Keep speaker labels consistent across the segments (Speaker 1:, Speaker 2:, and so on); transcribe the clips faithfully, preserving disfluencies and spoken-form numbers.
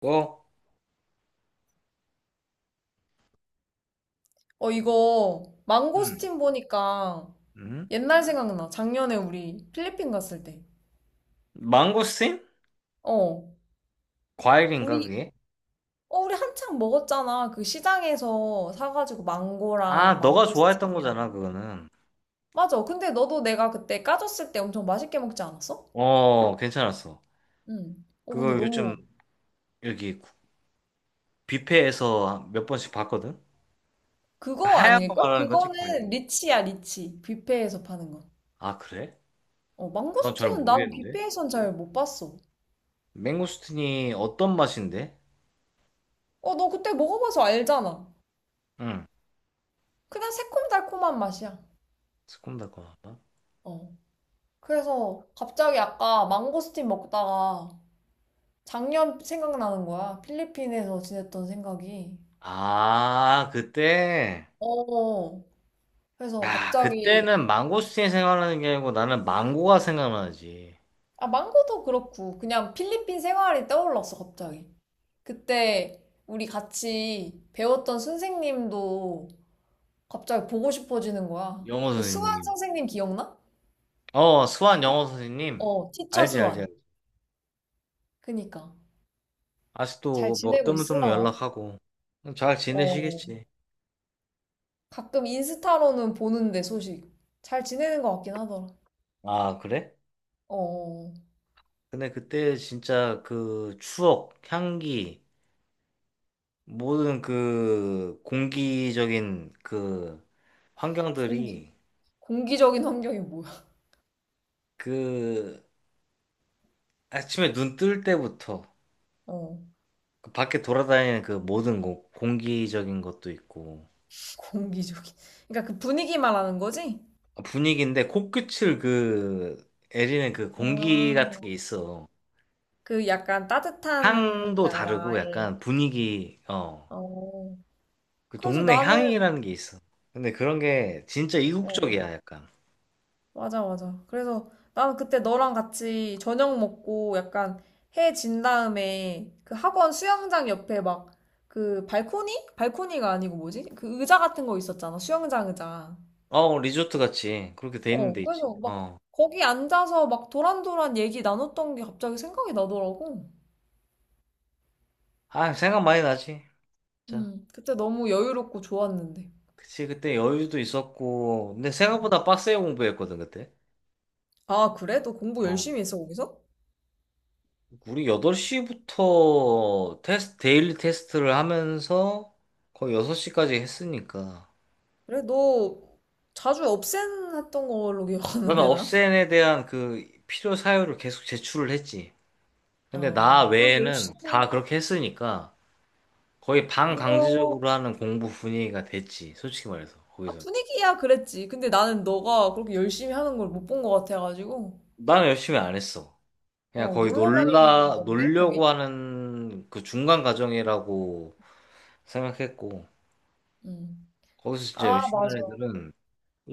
Speaker 1: 어,
Speaker 2: 어, 이거
Speaker 1: 음,
Speaker 2: 망고스틴 보니까
Speaker 1: 음.
Speaker 2: 옛날 생각나. 작년에 우리 필리핀 갔을 때.
Speaker 1: 망고스틴?
Speaker 2: 어,
Speaker 1: 과일인가
Speaker 2: 우리,
Speaker 1: 그게?
Speaker 2: 어, 우리 한창 먹었잖아. 그 시장에서 사가지고
Speaker 1: 아,
Speaker 2: 망고랑
Speaker 1: 너가 좋아했던
Speaker 2: 망고스틴이랑.
Speaker 1: 거잖아, 그거는.
Speaker 2: 맞아. 근데 너도 내가 그때 까졌을 때 엄청 맛있게 먹지 않았어?
Speaker 1: 어, 괜찮았어.
Speaker 2: 응. 어,
Speaker 1: 그거
Speaker 2: 근데
Speaker 1: 요즘
Speaker 2: 너무,
Speaker 1: 여기 뷔페에서 몇 번씩 봤거든?
Speaker 2: 그거
Speaker 1: 하얀 거
Speaker 2: 아닐걸?
Speaker 1: 말하는 거지,
Speaker 2: 그거는
Speaker 1: 과일.
Speaker 2: 리치야, 리치. 뷔페에서 파는 거.
Speaker 1: 아, 그래?
Speaker 2: 어,
Speaker 1: 난 잘
Speaker 2: 망고스틴은 난
Speaker 1: 모르겠는데.
Speaker 2: 뷔페에선 잘 못 봤어.
Speaker 1: 망고스틴이 어떤 맛인데?
Speaker 2: 어, 너 그때 먹어봐서 알잖아.
Speaker 1: 응.
Speaker 2: 그냥 새콤달콤한 맛이야.
Speaker 1: 새콤달콤하다.
Speaker 2: 어. 그래서 갑자기 아까 망고스틴 먹다가 작년 생각나는 거야. 필리핀에서 지냈던 생각이.
Speaker 1: 아, 그때?
Speaker 2: 어, 그래서
Speaker 1: 야,
Speaker 2: 갑자기,
Speaker 1: 그때는 망고스틴이 생각나는 게 아니고 나는 망고가 생각나지.
Speaker 2: 아, 망고도 그렇고, 그냥 필리핀 생활이 떠올랐어, 갑자기. 그때 우리 같이 배웠던 선생님도 갑자기 보고 싶어지는 거야.
Speaker 1: 영어
Speaker 2: 그 수완
Speaker 1: 선생님.
Speaker 2: 선생님 기억나?
Speaker 1: 어, 수완 영어 선생님.
Speaker 2: 어, 티처
Speaker 1: 알지, 알지,
Speaker 2: 수완.
Speaker 1: 알지.
Speaker 2: 그니까. 잘
Speaker 1: 아직도 뭐
Speaker 2: 지내고
Speaker 1: 뜨문뜨문
Speaker 2: 있으려나?
Speaker 1: 연락하고. 잘
Speaker 2: 어,
Speaker 1: 지내시겠지.
Speaker 2: 가끔 인스타로는 보는데 소식. 잘 지내는 것 같긴 하더라.
Speaker 1: 아, 그래?
Speaker 2: 어.
Speaker 1: 근데 그때 진짜 그 추억, 향기, 모든 그 공기적인 그
Speaker 2: 공기
Speaker 1: 환경들이
Speaker 2: 공기적인 환경이 뭐야?
Speaker 1: 그 아침에 눈 뜰 때부터
Speaker 2: 어.
Speaker 1: 그 밖에 돌아다니는 그 모든 공, 공기적인 것도 있고
Speaker 2: 공기적인. 그러니까 그 분위기 말하는 거지?
Speaker 1: 아, 분위기인데 코끝을 그 애리는 그 공기
Speaker 2: 아.
Speaker 1: 같은 게 있어.
Speaker 2: 그 약간 따뜻한
Speaker 1: 향도 다르고
Speaker 2: 나라의.
Speaker 1: 약간 분위기, 어,
Speaker 2: 어.
Speaker 1: 그
Speaker 2: 그래서
Speaker 1: 동네
Speaker 2: 나는.
Speaker 1: 향이라는 게 있어. 근데 그런 게 진짜
Speaker 2: 어.
Speaker 1: 이국적이야, 약간.
Speaker 2: 맞아 맞아. 그래서 나는 그때 너랑 같이 저녁 먹고 약간 해진 다음에 그 학원 수영장 옆에 막 그 발코니? 발코니가 아니고 뭐지? 그 의자 같은 거 있었잖아. 수영장 의자.
Speaker 1: 어, 리조트 같이 그렇게 돼 있는
Speaker 2: 어,
Speaker 1: 데 있지.
Speaker 2: 그래서 막
Speaker 1: 어.
Speaker 2: 거기 앉아서 막 도란도란 얘기 나눴던 게 갑자기 생각이 나더라고.
Speaker 1: 아, 생각 많이 나지. 자,
Speaker 2: 음, 그때 너무 여유롭고 좋았는데.
Speaker 1: 그치, 그때 여유도 있었고. 근데 생각보다 빡세게 공부했거든, 그때.
Speaker 2: 아, 그래? 너 공부
Speaker 1: 어.
Speaker 2: 열심히 했어, 거기서?
Speaker 1: 우리 여덟 시부터 테스트, 데일리 테스트를 하면서 거의 여섯 시까지 했으니까.
Speaker 2: 그래, 너 자주 업센했던 걸로
Speaker 1: 그러면
Speaker 2: 기억하는데, 난?
Speaker 1: 업센에 대한 그 필요 사유를 계속 제출을 했지.
Speaker 2: 어,
Speaker 1: 근데 나
Speaker 2: 나
Speaker 1: 외에는 다
Speaker 2: 열심히
Speaker 1: 그렇게 했으니까 거의
Speaker 2: 한 거,
Speaker 1: 반강제적으로 하는 공부 분위기가 됐지. 솔직히 말해서
Speaker 2: 아,
Speaker 1: 거기서.
Speaker 2: 분위기야, 그랬지. 근데 나는 너가 그렇게 열심히 하는 걸 못 본 것 같아가지고.
Speaker 1: 나는 열심히 안 했어. 그냥
Speaker 2: 어,
Speaker 1: 거의
Speaker 2: 놀러 다니는
Speaker 1: 놀라
Speaker 2: 건데, 거기?
Speaker 1: 놀려고 하는 그 중간 과정이라고 생각했고
Speaker 2: 음.
Speaker 1: 거기서 진짜
Speaker 2: 아,
Speaker 1: 열심히
Speaker 2: 맞아.
Speaker 1: 하는 애들은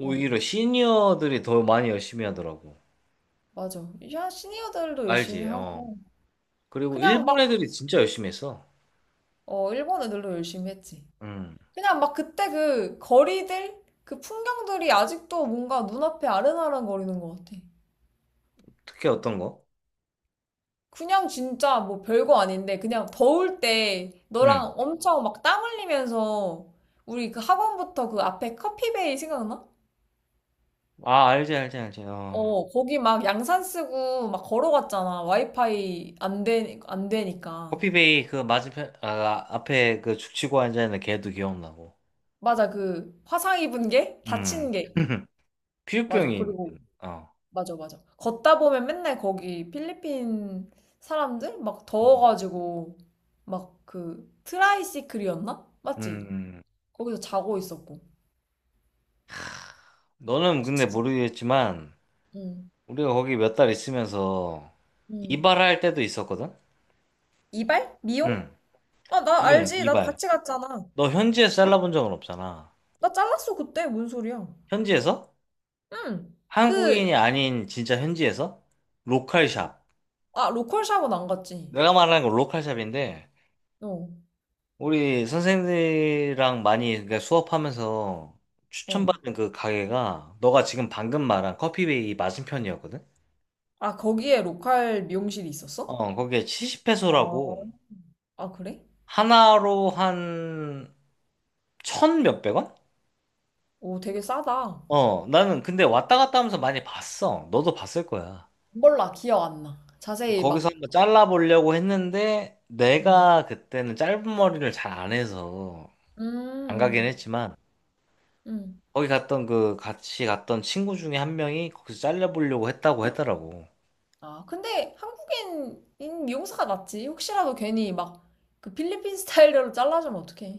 Speaker 2: 어,
Speaker 1: 시니어들이 더 많이 열심히 하더라고.
Speaker 2: 맞아. 야, 시니어들도 열심히
Speaker 1: 알지? 어.
Speaker 2: 하고.
Speaker 1: 그리고
Speaker 2: 그냥
Speaker 1: 일본 애들이 진짜 열심히 했어.
Speaker 2: 어, 일본애들도 열심히 했지.
Speaker 1: 음.
Speaker 2: 그냥 막 그때 그 거리들, 그 풍경들이 아직도 뭔가 눈앞에 아른아른 거리는 것 같아.
Speaker 1: 특히 어떤 거?
Speaker 2: 그냥 진짜 뭐 별거 아닌데, 그냥 더울 때
Speaker 1: 응.
Speaker 2: 너랑 엄청 막 땀 흘리면서 우리 그 학원부터 그 앞에 커피베이 생각나?
Speaker 1: 아, 알지, 알지, 알지. 어.
Speaker 2: 어, 거기 막 양산 쓰고 막 걸어갔잖아. 와이파이 안 되, 안 되니까.
Speaker 1: 커피베이 그 맞은편 아 앞에 그 죽치고 앉아 있는 걔도 기억나고.
Speaker 2: 맞아, 그 화상 입은 게?
Speaker 1: 음.
Speaker 2: 다친 게. 맞아.
Speaker 1: 피부병이
Speaker 2: 그리고
Speaker 1: 어.
Speaker 2: 맞아, 맞아. 걷다 보면 맨날 거기 필리핀 사람들 막
Speaker 1: 음.
Speaker 2: 더워가지고 막 그 트라이시클이었나? 맞지?
Speaker 1: 음.
Speaker 2: 거기서 자고 있었고.
Speaker 1: 너는 근데
Speaker 2: 진짜.
Speaker 1: 모르겠지만
Speaker 2: 응,
Speaker 1: 우리가 거기 몇 달 있으면서
Speaker 2: 응.
Speaker 1: 이발할 때도 있었거든.
Speaker 2: 이발? 미용?
Speaker 1: 응.
Speaker 2: 아, 나
Speaker 1: 미용
Speaker 2: 알지. 나도
Speaker 1: 이발.
Speaker 2: 같이 갔잖아.
Speaker 1: 너 현지에서 잘라본 적은 없잖아.
Speaker 2: 나 잘랐어, 그때. 뭔 소리야.
Speaker 1: 현지에서?
Speaker 2: 응. 그,
Speaker 1: 한국인이 아닌 진짜 현지에서? 로컬샵.
Speaker 2: 아, 로컬 샵은 안 갔지.
Speaker 1: 내가 말하는 건 로컬샵인데
Speaker 2: 어,
Speaker 1: 우리 선생님들이랑 많이 그러니까 수업하면서
Speaker 2: 어.
Speaker 1: 추천받은 그 가게가 너가 지금 방금 말한 커피베이 맞은편이었거든?
Speaker 2: 아, 거기에 로컬 미용실이 있었어?
Speaker 1: 어, 거기에 칠십 페소라고
Speaker 2: 아, 아, 그래?
Speaker 1: 하나로 한 천 몇백 원?
Speaker 2: 오, 되게 싸다.
Speaker 1: 어, 나는 근데 왔다 갔다 하면서 많이 봤어. 너도 봤을 거야.
Speaker 2: 몰라, 기억 안 나. 자세히
Speaker 1: 거기서
Speaker 2: 막.
Speaker 1: 한번 잘라보려고 했는데
Speaker 2: 음.
Speaker 1: 내가 그때는 짧은 머리를 잘 안 해서 안 가긴
Speaker 2: 음,
Speaker 1: 했지만
Speaker 2: 음. 음.
Speaker 1: 거기 갔던 그 같이 갔던 친구 중에 한 명이 거기서 잘라보려고 했다고 했더라고.
Speaker 2: 아, 근데 한국인인 미용사가 낫지. 혹시라도 괜히 막 그 필리핀 스타일로 잘라주면 어떡해.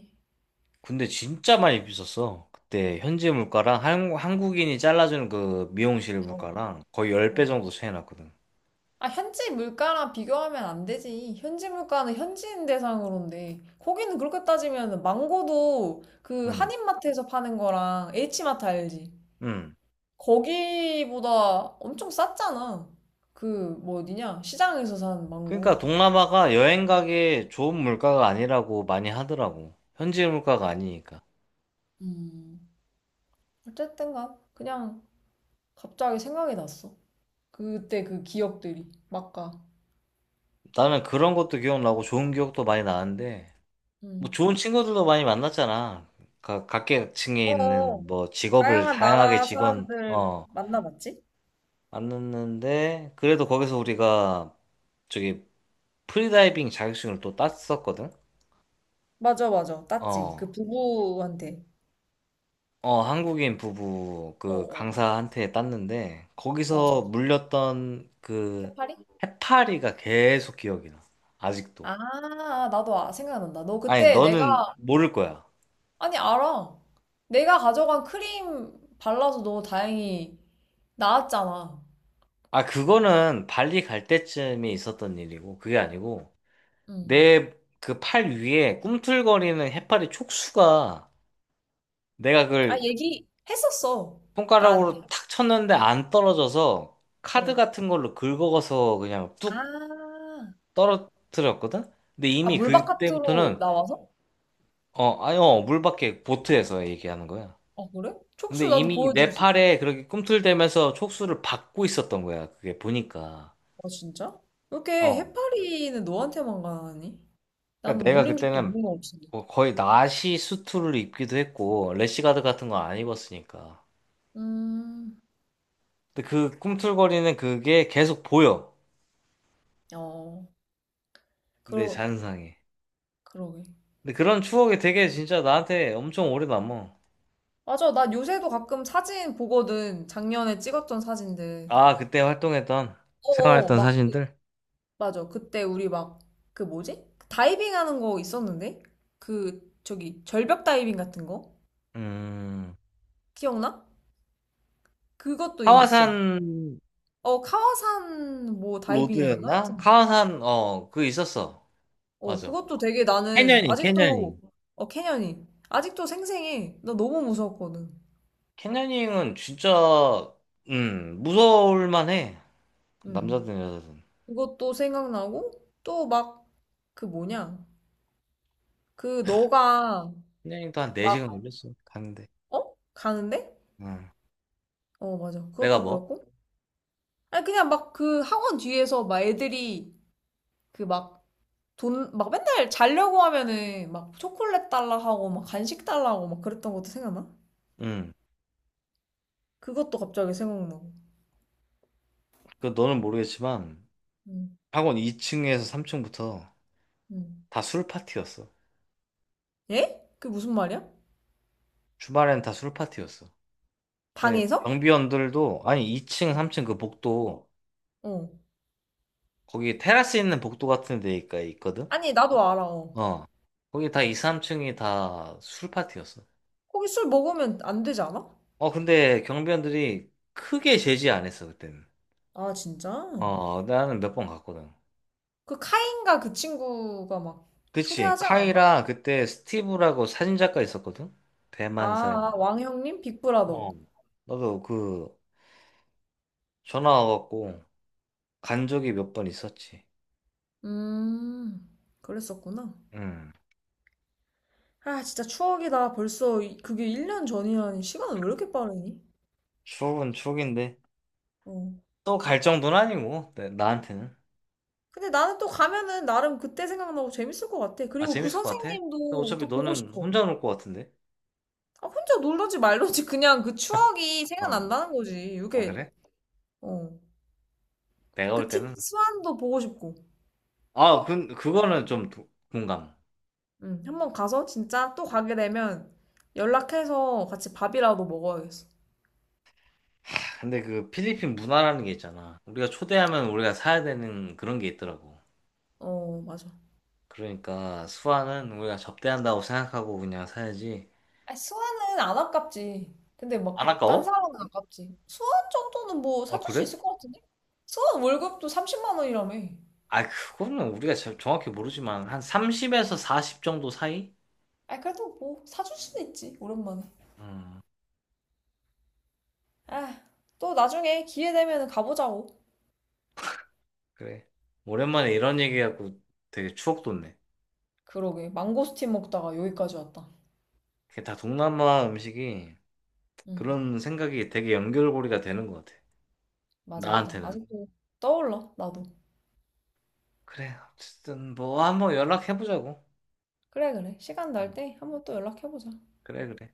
Speaker 1: 근데 진짜 많이 비쌌어. 그때 현지 물가랑 한, 한국인이 잘라주는 그 미용실
Speaker 2: 어,
Speaker 1: 물가랑 거의 열 배
Speaker 2: 어.
Speaker 1: 정도 차이 났거든.
Speaker 2: 아, 현지 물가랑 비교하면 안 되지. 현지 물가는 현지인 대상으로인데. 거기는 그렇게 따지면 망고도 그
Speaker 1: 음,
Speaker 2: 한인마트에서 파는 거랑 H마트 알지?
Speaker 1: 음.
Speaker 2: 거기보다 엄청 쌌잖아. 그, 뭐 어디냐? 시장에서 산 망고.
Speaker 1: 그러니까 동남아가 여행 가기에 좋은 물가가 아니라고 많이 하더라고. 현지 물가가 아니니까.
Speaker 2: 음. 어쨌든 간 그냥 갑자기 생각이 났어. 그때 그 기억들이 막 가.
Speaker 1: 나는 그런 것도 기억나고 좋은 기억도 많이 나는데, 뭐
Speaker 2: 음.
Speaker 1: 좋은 친구들도 많이 만났잖아. 각, 각계층에
Speaker 2: 어,
Speaker 1: 있는 뭐 직업을
Speaker 2: 다양한
Speaker 1: 다양하게
Speaker 2: 나라
Speaker 1: 직원,
Speaker 2: 사람들
Speaker 1: 어,
Speaker 2: 만나봤지?
Speaker 1: 만났는데, 그래도 거기서 우리가 저기 프리다이빙 자격증을 또 땄었거든?
Speaker 2: 맞아, 맞아. 땄지. 그
Speaker 1: 어,
Speaker 2: 부부한테.
Speaker 1: 어, 한국인 부부
Speaker 2: 어,
Speaker 1: 그
Speaker 2: 어,
Speaker 1: 강사한테 땄는데,
Speaker 2: 맞아.
Speaker 1: 거기서 물렸던 그
Speaker 2: 해파리?
Speaker 1: 해파리가 계속 기억이 나. 아직도.
Speaker 2: 아, 나도 아, 생각난다. 너
Speaker 1: 아니,
Speaker 2: 그때
Speaker 1: 너는
Speaker 2: 내가,
Speaker 1: 모를 거야.
Speaker 2: 아니, 알아. 내가 가져간 크림 발라서 너 다행히 나았잖아.
Speaker 1: 아, 그거는 발리 갈 때쯤에 있었던 일이고, 그게 아니고,
Speaker 2: 응.
Speaker 1: 내 그 팔 위에 꿈틀거리는 해파리 촉수가 내가
Speaker 2: 아,
Speaker 1: 그걸
Speaker 2: 얘기했었어. 나한테.
Speaker 1: 손가락으로 탁 쳤는데 안 떨어져서 카드
Speaker 2: 어.
Speaker 1: 같은 걸로 긁어서 그냥 뚝
Speaker 2: 아,
Speaker 1: 떨어뜨렸거든? 근데
Speaker 2: 아,
Speaker 1: 이미
Speaker 2: 물바깥으로
Speaker 1: 그때부터는
Speaker 2: 나와서?
Speaker 1: 어, 아니 어, 물밖에 보트에서 얘기하는 거야.
Speaker 2: 아, 그래?
Speaker 1: 근데
Speaker 2: 촉수 나도
Speaker 1: 이미
Speaker 2: 보여줄
Speaker 1: 내
Speaker 2: 수 있어.
Speaker 1: 팔에 그렇게 꿈틀대면서 촉수를 받고 있었던 거야. 그게 보니까.
Speaker 2: 아, 진짜? 왜 이렇게
Speaker 1: 어.
Speaker 2: 해파리는 너한테만 가니?
Speaker 1: 그러니까
Speaker 2: 나는
Speaker 1: 내가
Speaker 2: 물린 적도
Speaker 1: 그때는
Speaker 2: 없는 거 같은데.
Speaker 1: 뭐 거의 나시 수트를 입기도 했고 래시가드 같은 거 안 입었으니까.
Speaker 2: 음,
Speaker 1: 근데 그 꿈틀거리는 그게 계속 보여.
Speaker 2: 어,
Speaker 1: 내
Speaker 2: 그러,
Speaker 1: 잔상에.
Speaker 2: 그러게.
Speaker 1: 근데 그런 추억이 되게 진짜 나한테 엄청 오래 남어.
Speaker 2: 맞아, 나 요새도 가끔 사진 보거든. 작년에 찍었던 사진들.
Speaker 1: 아, 그때 활동했던
Speaker 2: 어어,
Speaker 1: 생활했던
Speaker 2: 막, 그-
Speaker 1: 사진들?
Speaker 2: 맞아. 그때 우리 막, 그 뭐지? 다이빙 하는 거 있었는데? 그, 저기, 절벽 다이빙 같은 거?
Speaker 1: 음.
Speaker 2: 기억나? 그것도 있어.
Speaker 1: 하와산
Speaker 2: 어, 카와산 뭐 다이빙이었나?
Speaker 1: 로드였나?
Speaker 2: 하여튼
Speaker 1: 하와산 어 그거 있었어.
Speaker 2: 어,
Speaker 1: 맞아.
Speaker 2: 그것도 되게 나는
Speaker 1: 캐녀닝,
Speaker 2: 아직도,
Speaker 1: 캐녀닝.
Speaker 2: 어, 캐년이. 아직도 생생해. 나 너무 무서웠거든.
Speaker 1: 캐녀닝은 진짜 음 무서울 만해.
Speaker 2: 음.
Speaker 1: 남자든 여자든.
Speaker 2: 그것도 생각나고, 또 막, 그 뭐냐. 그 너가
Speaker 1: 캐녀닝도 한 네 시간
Speaker 2: 막,
Speaker 1: 걸렸어. 가는데.
Speaker 2: 어? 가는데?
Speaker 1: 응.
Speaker 2: 어, 맞아.
Speaker 1: 내가
Speaker 2: 그것도
Speaker 1: 뭐?
Speaker 2: 그렇고. 아니, 그냥 막 그 학원 뒤에서 막 애들이 그 막, 돈, 막 맨날 자려고 하면은 막 초콜릿 달라 하고 막 간식 달라 하고 막 그랬던 것도 생각나?
Speaker 1: 응.
Speaker 2: 그것도 갑자기 생각나고.
Speaker 1: 그 너는 모르겠지만
Speaker 2: 음,
Speaker 1: 학원 이 층에서 삼 층부터
Speaker 2: 음.
Speaker 1: 다 술 파티였어.
Speaker 2: 예? 그게 무슨 말이야?
Speaker 1: 주말엔 다 술 파티였어. 예,
Speaker 2: 방에서?
Speaker 1: 경비원들도 아니 이 층, 삼 층 그 복도
Speaker 2: 어.
Speaker 1: 거기 테라스 있는 복도 같은 데가 있거든.
Speaker 2: 아니, 나도 알아. 어.
Speaker 1: 어. 거기 다 이, 삼 층이 다 술 파티였어.
Speaker 2: 거기 술 먹으면 안 되지 않아?
Speaker 1: 어, 근데 경비원들이 크게 제지 안 했어, 그때는.
Speaker 2: 아, 진짜?
Speaker 1: 어, 나는 몇 번 갔거든.
Speaker 2: 그 카인가 그 친구가 막
Speaker 1: 그치.
Speaker 2: 초대하지 않았나?
Speaker 1: 카이랑 그때 스티브라고 사진작가 있었거든? 대만 사람.
Speaker 2: 아, 아, 왕형님? 빅브라더.
Speaker 1: 어. 나도 그 전화 와갖고 간 적이 몇 번 있었지.
Speaker 2: 음, 그랬었구나.
Speaker 1: 음.
Speaker 2: 아, 진짜 추억이다. 벌써 이- 그게 일 년 전이라니. 시간은 왜 이렇게 빠르니?
Speaker 1: 추억은 추억인데.
Speaker 2: 어.
Speaker 1: 또 갈 정도는 아니고, 나- 나한테는.
Speaker 2: 근데 나는 또 가면은 나름 그때 생각나고 재밌을 것 같아.
Speaker 1: 아,
Speaker 2: 그리고 그
Speaker 1: 재밌을 것 같아? 근데
Speaker 2: 선생님도
Speaker 1: 어차피
Speaker 2: 또 보고
Speaker 1: 너는
Speaker 2: 싶어.
Speaker 1: 혼자 놀 것 같은데?
Speaker 2: 아, 혼자 놀러지 말러지. 그냥 그 추억이
Speaker 1: 어.
Speaker 2: 생각난다는 거지.
Speaker 1: 아,
Speaker 2: 이게,
Speaker 1: 그래?
Speaker 2: 어.
Speaker 1: 내가 올
Speaker 2: 그 티,
Speaker 1: 때는
Speaker 2: 수환도 보고 싶고.
Speaker 1: 아, 그, 그거는 좀 도- 공감.
Speaker 2: 응 한번 가서 진짜 또 가게 되면 연락해서 같이 밥이라도 먹어야겠어.
Speaker 1: 근데 그 필리핀 문화라는 게 있잖아. 우리가 초대하면 우리가 사야 되는 그런 게 있더라고.
Speaker 2: 어, 맞아.
Speaker 1: 그러니까 수아는 우리가 접대한다고 생각하고 그냥 사야지.
Speaker 2: 아, 수원은 안 아깝지. 근데 막
Speaker 1: 안
Speaker 2: 그 딴
Speaker 1: 아까워?
Speaker 2: 사람은 아깝지. 수원 정도는 뭐
Speaker 1: 아,
Speaker 2: 사줄 수
Speaker 1: 그래?
Speaker 2: 있을 것 같은데? 수원 월급도 삼십만 원이라며.
Speaker 1: 아, 그거는 우리가 저- 정확히 모르지만 한 삼십에서 사십 정도 사이?
Speaker 2: 아, 그래도 뭐 사줄 수도 있지, 오랜만에.
Speaker 1: 음,
Speaker 2: 아, 또 나중에 기회 되면 가보자고.
Speaker 1: 그래. 오랜만에 이런 얘기하고 되게 추억 돋네.
Speaker 2: 그러게, 망고스틴 먹다가 여기까지 왔다.
Speaker 1: 그게 다 동남아 음식이
Speaker 2: 응,
Speaker 1: 그런 생각이 되게 연결고리가 되는 것 같아.
Speaker 2: 맞아, 맞아.
Speaker 1: 나한테는.
Speaker 2: 아직도 떠올라, 나도.
Speaker 1: 그래, 어쨌든 뭐 한번 연락해보자고.
Speaker 2: 그래, 그래. 시간
Speaker 1: 음.
Speaker 2: 날 때 한번 또 연락해보자.
Speaker 1: 그래, 그래.